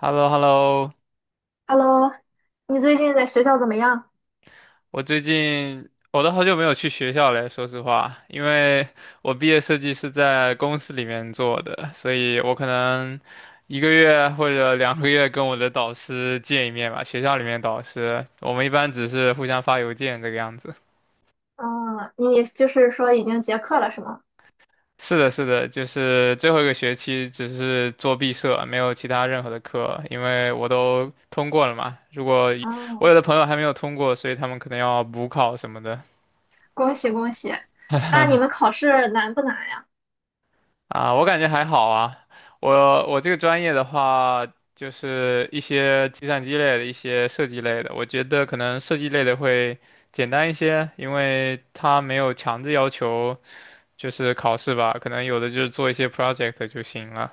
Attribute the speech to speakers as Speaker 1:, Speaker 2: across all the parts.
Speaker 1: h e l l o h e l l o。
Speaker 2: Hello，你最近在学校怎么样？
Speaker 1: 我最近我都好久没有去学校了，说实话，因为我毕业设计是在公司里面做的，所以我可能一个月或者两个月跟我的导师见一面吧，学校里面导师，我们一般只是互相发邮件这个样子。
Speaker 2: 嗯，你就是说已经结课了是吗？
Speaker 1: 是的，是的，就是最后一个学期只是做毕设，没有其他任何的课，因为我都通过了嘛。我
Speaker 2: 嗯，
Speaker 1: 有的朋友还没有通过，所以他们可能要补考什么的。
Speaker 2: 恭喜恭喜。那你们 考试难不难呀？
Speaker 1: 啊，我感觉还好啊。我这个专业的话，就是一些计算机类的一些设计类的，我觉得可能设计类的会简单一些，因为它没有强制要求就是考试吧，可能有的就是做一些 project 就行了。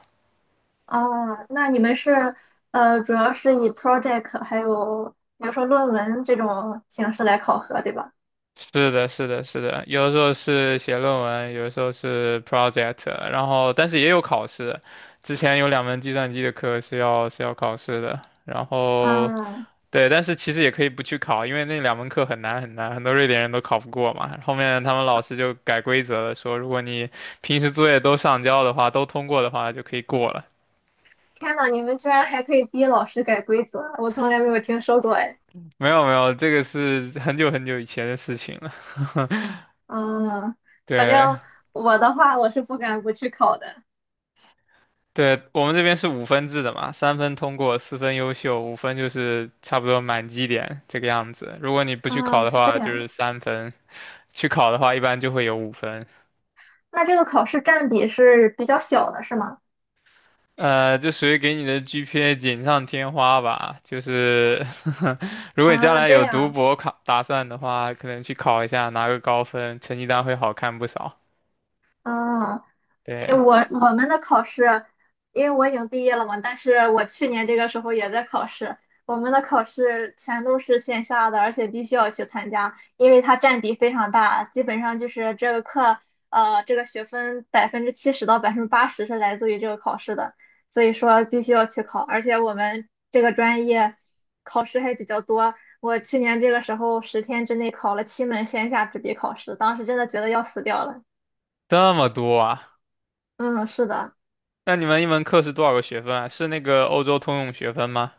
Speaker 2: 哦，那你们是主要是以 project 还有比如说论文这种形式来考核，对吧？
Speaker 1: 是的，是的，是的，有的时候是写论文，有的时候是 project，然后但是也有考试。之前有两门计算机的课是要考试的，然后。
Speaker 2: 嗯，
Speaker 1: 对，但是其实也可以不去考，因为那两门课很难很难，很多瑞典人都考不过嘛。后面他们老师就改规则了，说如果你平时作业都上交的话，都通过的话就可以过了。
Speaker 2: 天呐，你们居然还可以逼老师改规则，我从来没有听说过哎。
Speaker 1: 没有没有，这个是很久很久以前的事情了。
Speaker 2: 嗯，反
Speaker 1: 对
Speaker 2: 正我的话，我是不敢不去考的。
Speaker 1: 对，我们这边是五分制的嘛，3分通过，4分优秀，五分就是差不多满绩点这个样子。如果你不去考
Speaker 2: 啊，
Speaker 1: 的
Speaker 2: 是这
Speaker 1: 话，就
Speaker 2: 样。
Speaker 1: 是三分；去考的话，一般就会有五分。
Speaker 2: 那这个考试占比是比较小的，是吗？
Speaker 1: 这属于给你的 GPA 锦上添花吧。就是 如果你将
Speaker 2: 啊，
Speaker 1: 来
Speaker 2: 这
Speaker 1: 有读
Speaker 2: 样，
Speaker 1: 博考打算的话，可能去考一下，拿个高分，成绩单会好看不少。
Speaker 2: 啊，诶
Speaker 1: 对，
Speaker 2: 我们的考试，因为我已经毕业了嘛，但是我去年这个时候也在考试。我们的考试全都是线下的，而且必须要去参加，因为它占比非常大，基本上就是这个课，这个学分70%到80%是来自于这个考试的，所以说必须要去考。而且我们这个专业考试还比较多，我去年这个时候10天之内考了七门线下纸笔考试，当时真的觉得要死掉了。
Speaker 1: 这么多啊？
Speaker 2: 嗯，是的。
Speaker 1: 那你们一门课是多少个学分啊？是那个欧洲通用学分吗？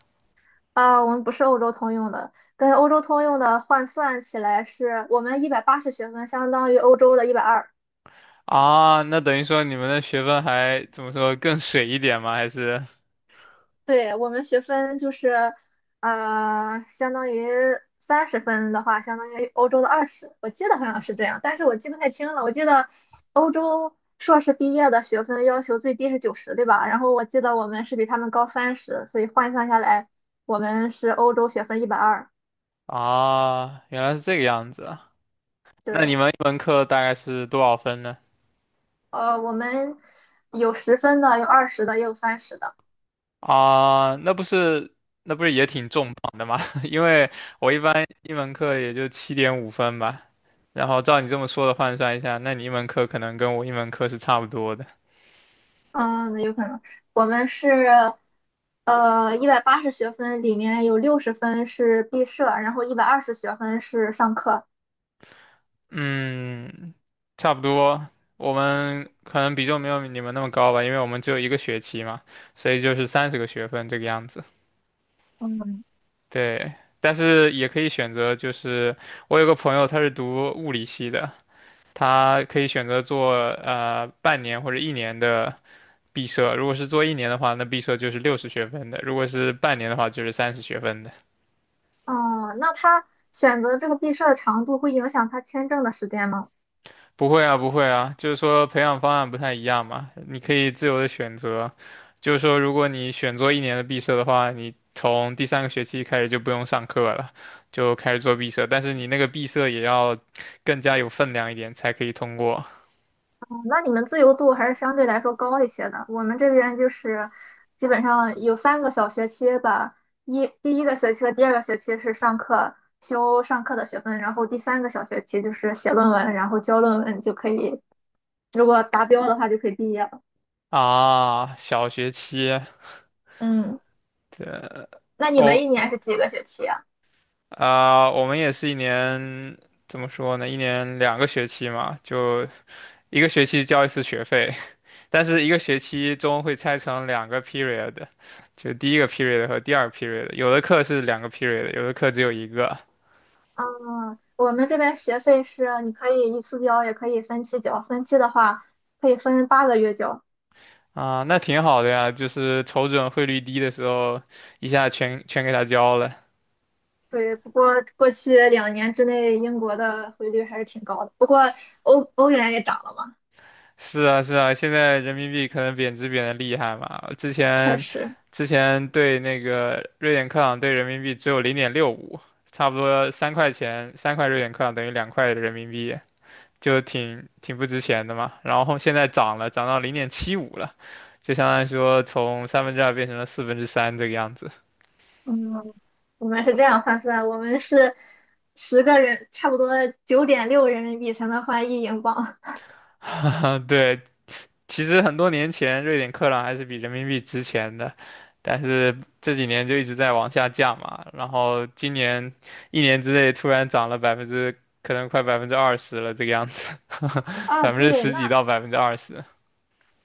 Speaker 2: 啊，我们不是欧洲通用的，跟欧洲通用的换算起来是，我们一百八十学分相当于欧洲的一百二，
Speaker 1: 啊，那等于说你们的学分还怎么说更水一点吗？还是
Speaker 2: 对，我们学分就是，相当于30分的话，相当于欧洲的二十，我记得好像是这样，但是我记不太清了，我记得欧洲硕士毕业的学分要求最低是90，对吧？然后我记得我们是比他们高三十，所以换算下来，我们是欧洲学分一百二，
Speaker 1: 啊，原来是这个样子啊。那你
Speaker 2: 对。
Speaker 1: 们一门课大概是多少分呢？
Speaker 2: 呃，我们有十分的，有二十的，也有三十的。
Speaker 1: 啊，那不是也挺重磅的吗？因为我一般一门课也就7.5分吧，然后照你这么说的换算一下，那你一门课可能跟我一门课是差不多的。
Speaker 2: 嗯，那有可能我们是一百八十学分，里面有60分是毕设，然后120学分是上课。
Speaker 1: 嗯，差不多。我们可能比重没有你们那么高吧，因为我们只有一个学期嘛，所以就是30个学分这个样子。
Speaker 2: 嗯，
Speaker 1: 对，但是也可以选择，就是我有个朋友他是读物理系的，他可以选择做半年或者一年的。毕设，如果是做一年的话，那毕设就是60学分的；如果是半年的话，就是30学分的。
Speaker 2: 嗯，那他选择这个毕设的长度会影响他签证的时间吗？
Speaker 1: 不会啊，不会啊，就是说培养方案不太一样嘛，你可以自由的选择。就是说，如果你选做一年的毕设的话，你从第三个学期开始就不用上课了，就开始做毕设。但是你那个毕设也要更加有分量一点才可以通过
Speaker 2: 那你们自由度还是相对来说高一些的。我们这边就是基本上有三个小学期吧，一第一个学期和第二个学期是上课修上课的学分，然后第三个小学期就是写论文，然后交论文就可以，如果达标的话就可以毕业了。
Speaker 1: 啊。小学期，
Speaker 2: 嗯，
Speaker 1: 对，
Speaker 2: 那你们一
Speaker 1: 我、
Speaker 2: 年是几个学期啊？
Speaker 1: 我们也是一年，怎么说呢？一年两个学期嘛，就一个学期交一次学费，但是一个学期中会拆成两个 period，就第一个 period 和第二个 period，有的课是两个 period，有的课只有一个。
Speaker 2: 嗯，我们这边学费是你可以一次交，也可以分期交。分期的话可以分8个月交。
Speaker 1: 啊，那挺好的呀，就是瞅准汇率低的时候，一下全给它交了。
Speaker 2: 对，不过过去2年之内，英国的汇率还是挺高的。不过欧元也涨了嘛，
Speaker 1: 是啊，是啊，现在人民币可能贬值贬得厉害嘛，之
Speaker 2: 确
Speaker 1: 前
Speaker 2: 实。
Speaker 1: 之前对那个瑞典克朗兑人民币只有0.65，差不多3块钱，3块瑞典克朗等于2块人民币。就挺不值钱的嘛。然后现在涨了，涨到0.75了，就相当于说从三分之二变成了四分之三这个样子。
Speaker 2: 嗯，我们是这样换算，我们是10个人，差不多9.6人民币才能换1英镑。
Speaker 1: 对，其实很多年前瑞典克朗还是比人民币值钱的，但是这几年就一直在往下降嘛。然后今年一年之内突然涨了百分之，可能快百分之二十了这个样子，
Speaker 2: 啊，
Speaker 1: 百分之
Speaker 2: 对，
Speaker 1: 十几
Speaker 2: 那
Speaker 1: 到20%。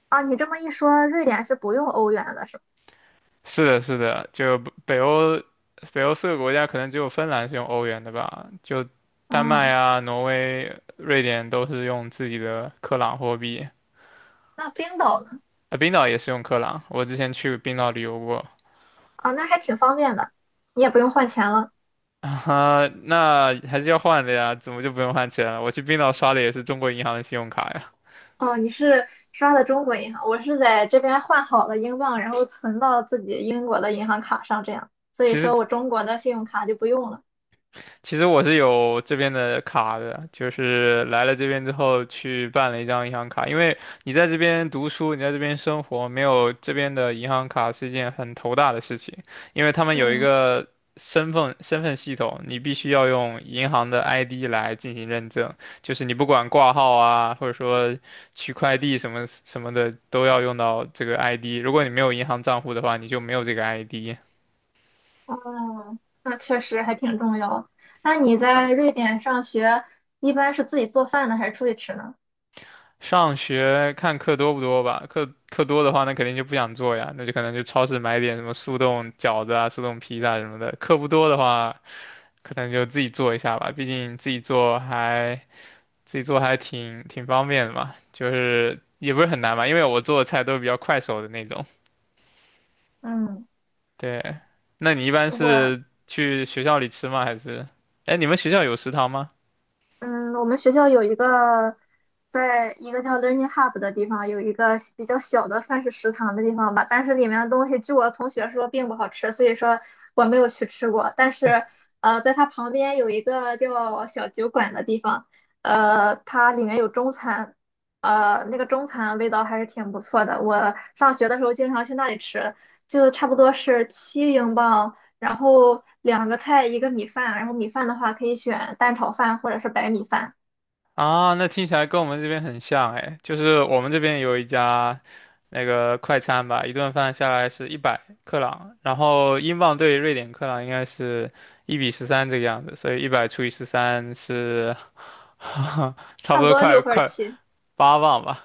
Speaker 2: 啊，你这么一说，瑞典是不用欧元的，是吧？
Speaker 1: 是的，是的，就北欧，北欧四个国家可能只有芬兰是用欧元的吧，就丹麦
Speaker 2: 嗯，
Speaker 1: 啊、挪威、瑞典都是用自己的克朗货币，
Speaker 2: 那冰岛呢？
Speaker 1: 啊，冰岛也是用克朗，我之前去冰岛旅游过，
Speaker 2: 啊，那还挺方便的，你也不用换钱了。
Speaker 1: 啊，那还是要换的呀，怎么就不用换钱了？我去冰岛刷的也是中国银行的信用卡呀。
Speaker 2: 哦，你是刷的中国银行，我是在这边换好了英镑，然后存到自己英国的银行卡上，这样，所以
Speaker 1: 其实
Speaker 2: 说我中国的信用卡就不用了。
Speaker 1: 其实我是有这边的卡的，就是来了这边之后去办了一张银行卡，因为你在这边读书，你在这边生活，没有这边的银行卡是一件很头大的事情，因为他们有一
Speaker 2: 嗯，
Speaker 1: 个身份系统，你必须要用银行的 ID 来进行认证，就是你不管挂号啊，或者说取快递什么什么的，都要用到这个 ID，如果你没有银行账户的话，你就没有这个 ID。
Speaker 2: 哦，那确实还挺重要。那你在瑞典上学，一般是自己做饭呢，还是出去吃呢？
Speaker 1: 上学看课多不多吧，课多的话，那肯定就不想做呀，那就可能就超市买点什么速冻饺子啊、速冻披萨什么的。课不多的话，可能就自己做一下吧，毕竟自己做还挺方便的嘛，就是也不是很难嘛，因为我做的菜都是比较快手的那种。
Speaker 2: 嗯，
Speaker 1: 对，那你一般
Speaker 2: 我
Speaker 1: 是去学校里吃吗？还是，哎，你们学校有食堂吗？
Speaker 2: 嗯，我们学校有一个，在一个叫 Learning Hub 的地方，有一个比较小的算是食堂的地方吧，但是里面的东西，据我同学说并不好吃，所以说我没有去吃过。但是，在它旁边有一个叫小酒馆的地方，它里面有中餐，那个中餐味道还是挺不错的。我上学的时候经常去那里吃，就差不多是7英镑。然后两个菜一个米饭，然后米饭的话可以选蛋炒饭或者是白米饭，
Speaker 1: 啊，那听起来跟我们这边很像哎，就是我们这边有一家那个快餐吧，一顿饭下来是100克朗，然后英镑对瑞典克朗应该是1:13这个样子，所以100除以13是 差
Speaker 2: 差
Speaker 1: 不
Speaker 2: 不
Speaker 1: 多
Speaker 2: 多
Speaker 1: 快
Speaker 2: 六份者
Speaker 1: 快
Speaker 2: 七，
Speaker 1: 8磅吧？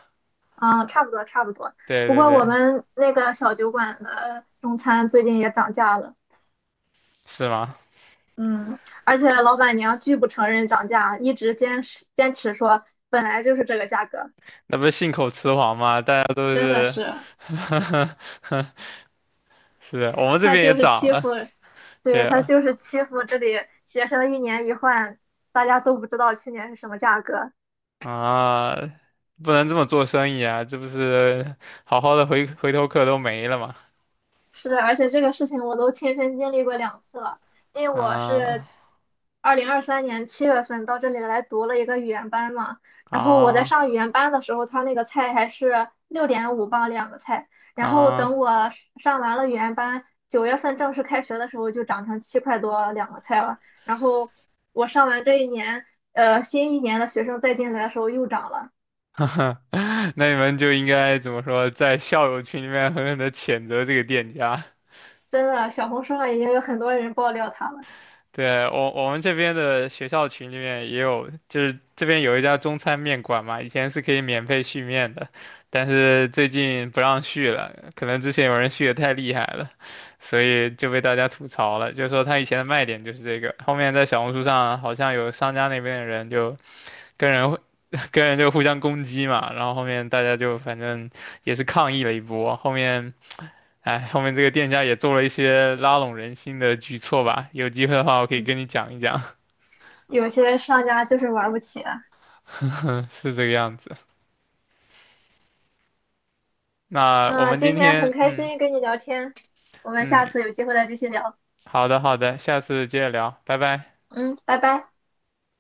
Speaker 2: 嗯，差不多差不多。
Speaker 1: 对
Speaker 2: 不
Speaker 1: 对
Speaker 2: 过我
Speaker 1: 对，
Speaker 2: 们那个小酒馆的中餐最近也涨价了，
Speaker 1: 是吗？
Speaker 2: 嗯，而且老板娘拒不承认涨价，一直坚持坚持说本来就是这个价格，
Speaker 1: 那不是信口雌黄吗？大家都
Speaker 2: 真的
Speaker 1: 是，
Speaker 2: 是，
Speaker 1: 是的，我们这
Speaker 2: 她
Speaker 1: 边也
Speaker 2: 就是
Speaker 1: 涨
Speaker 2: 欺
Speaker 1: 了，
Speaker 2: 负，对，
Speaker 1: 对
Speaker 2: 她就是欺负这里学生一年一换，大家都不知道去年是什么价格，
Speaker 1: 啊，不能这么做生意啊，这不是好好的回头客都没了吗？
Speaker 2: 是的，而且这个事情我都亲身经历过两次了，因为我
Speaker 1: 啊
Speaker 2: 是2023年7月份到这里来读了一个语言班嘛，然后我在
Speaker 1: 啊
Speaker 2: 上语言班的时候，他那个菜还是6.5磅两个菜，然后
Speaker 1: 啊！
Speaker 2: 等我上完了语言班，9月份正式开学的时候就涨成7块多两个菜了，然后我上完这一年，新一年的学生再进来的时候又涨了，
Speaker 1: 那你们就应该怎么说，在校友群里面狠狠的谴责这个店家。
Speaker 2: 真的，小红书上已经有很多人爆料他了，
Speaker 1: 对，我们这边的学校群里面也有，就是这边有一家中餐面馆嘛，以前是可以免费续面的，但是最近不让续了，可能之前有人续的太厉害了，所以就被大家吐槽了，就是说他以前的卖点就是这个，后面在小红书上好像有商家那边的人就跟人 跟人就互相攻击嘛，然后后面大家就反正也是抗议了一波，后面。哎，后面这个店家也做了一些拉拢人心的举措吧，有机会的话我可以
Speaker 2: 嗯，
Speaker 1: 跟你讲一讲，
Speaker 2: 有些商家就是玩不起啊。
Speaker 1: 是这个样子。那我
Speaker 2: 嗯，
Speaker 1: 们今
Speaker 2: 今天很
Speaker 1: 天，
Speaker 2: 开
Speaker 1: 嗯
Speaker 2: 心跟你聊天，我们下
Speaker 1: 嗯，
Speaker 2: 次有机会再继续聊。
Speaker 1: 好的好的，下次接着聊，拜拜。
Speaker 2: 嗯，拜拜。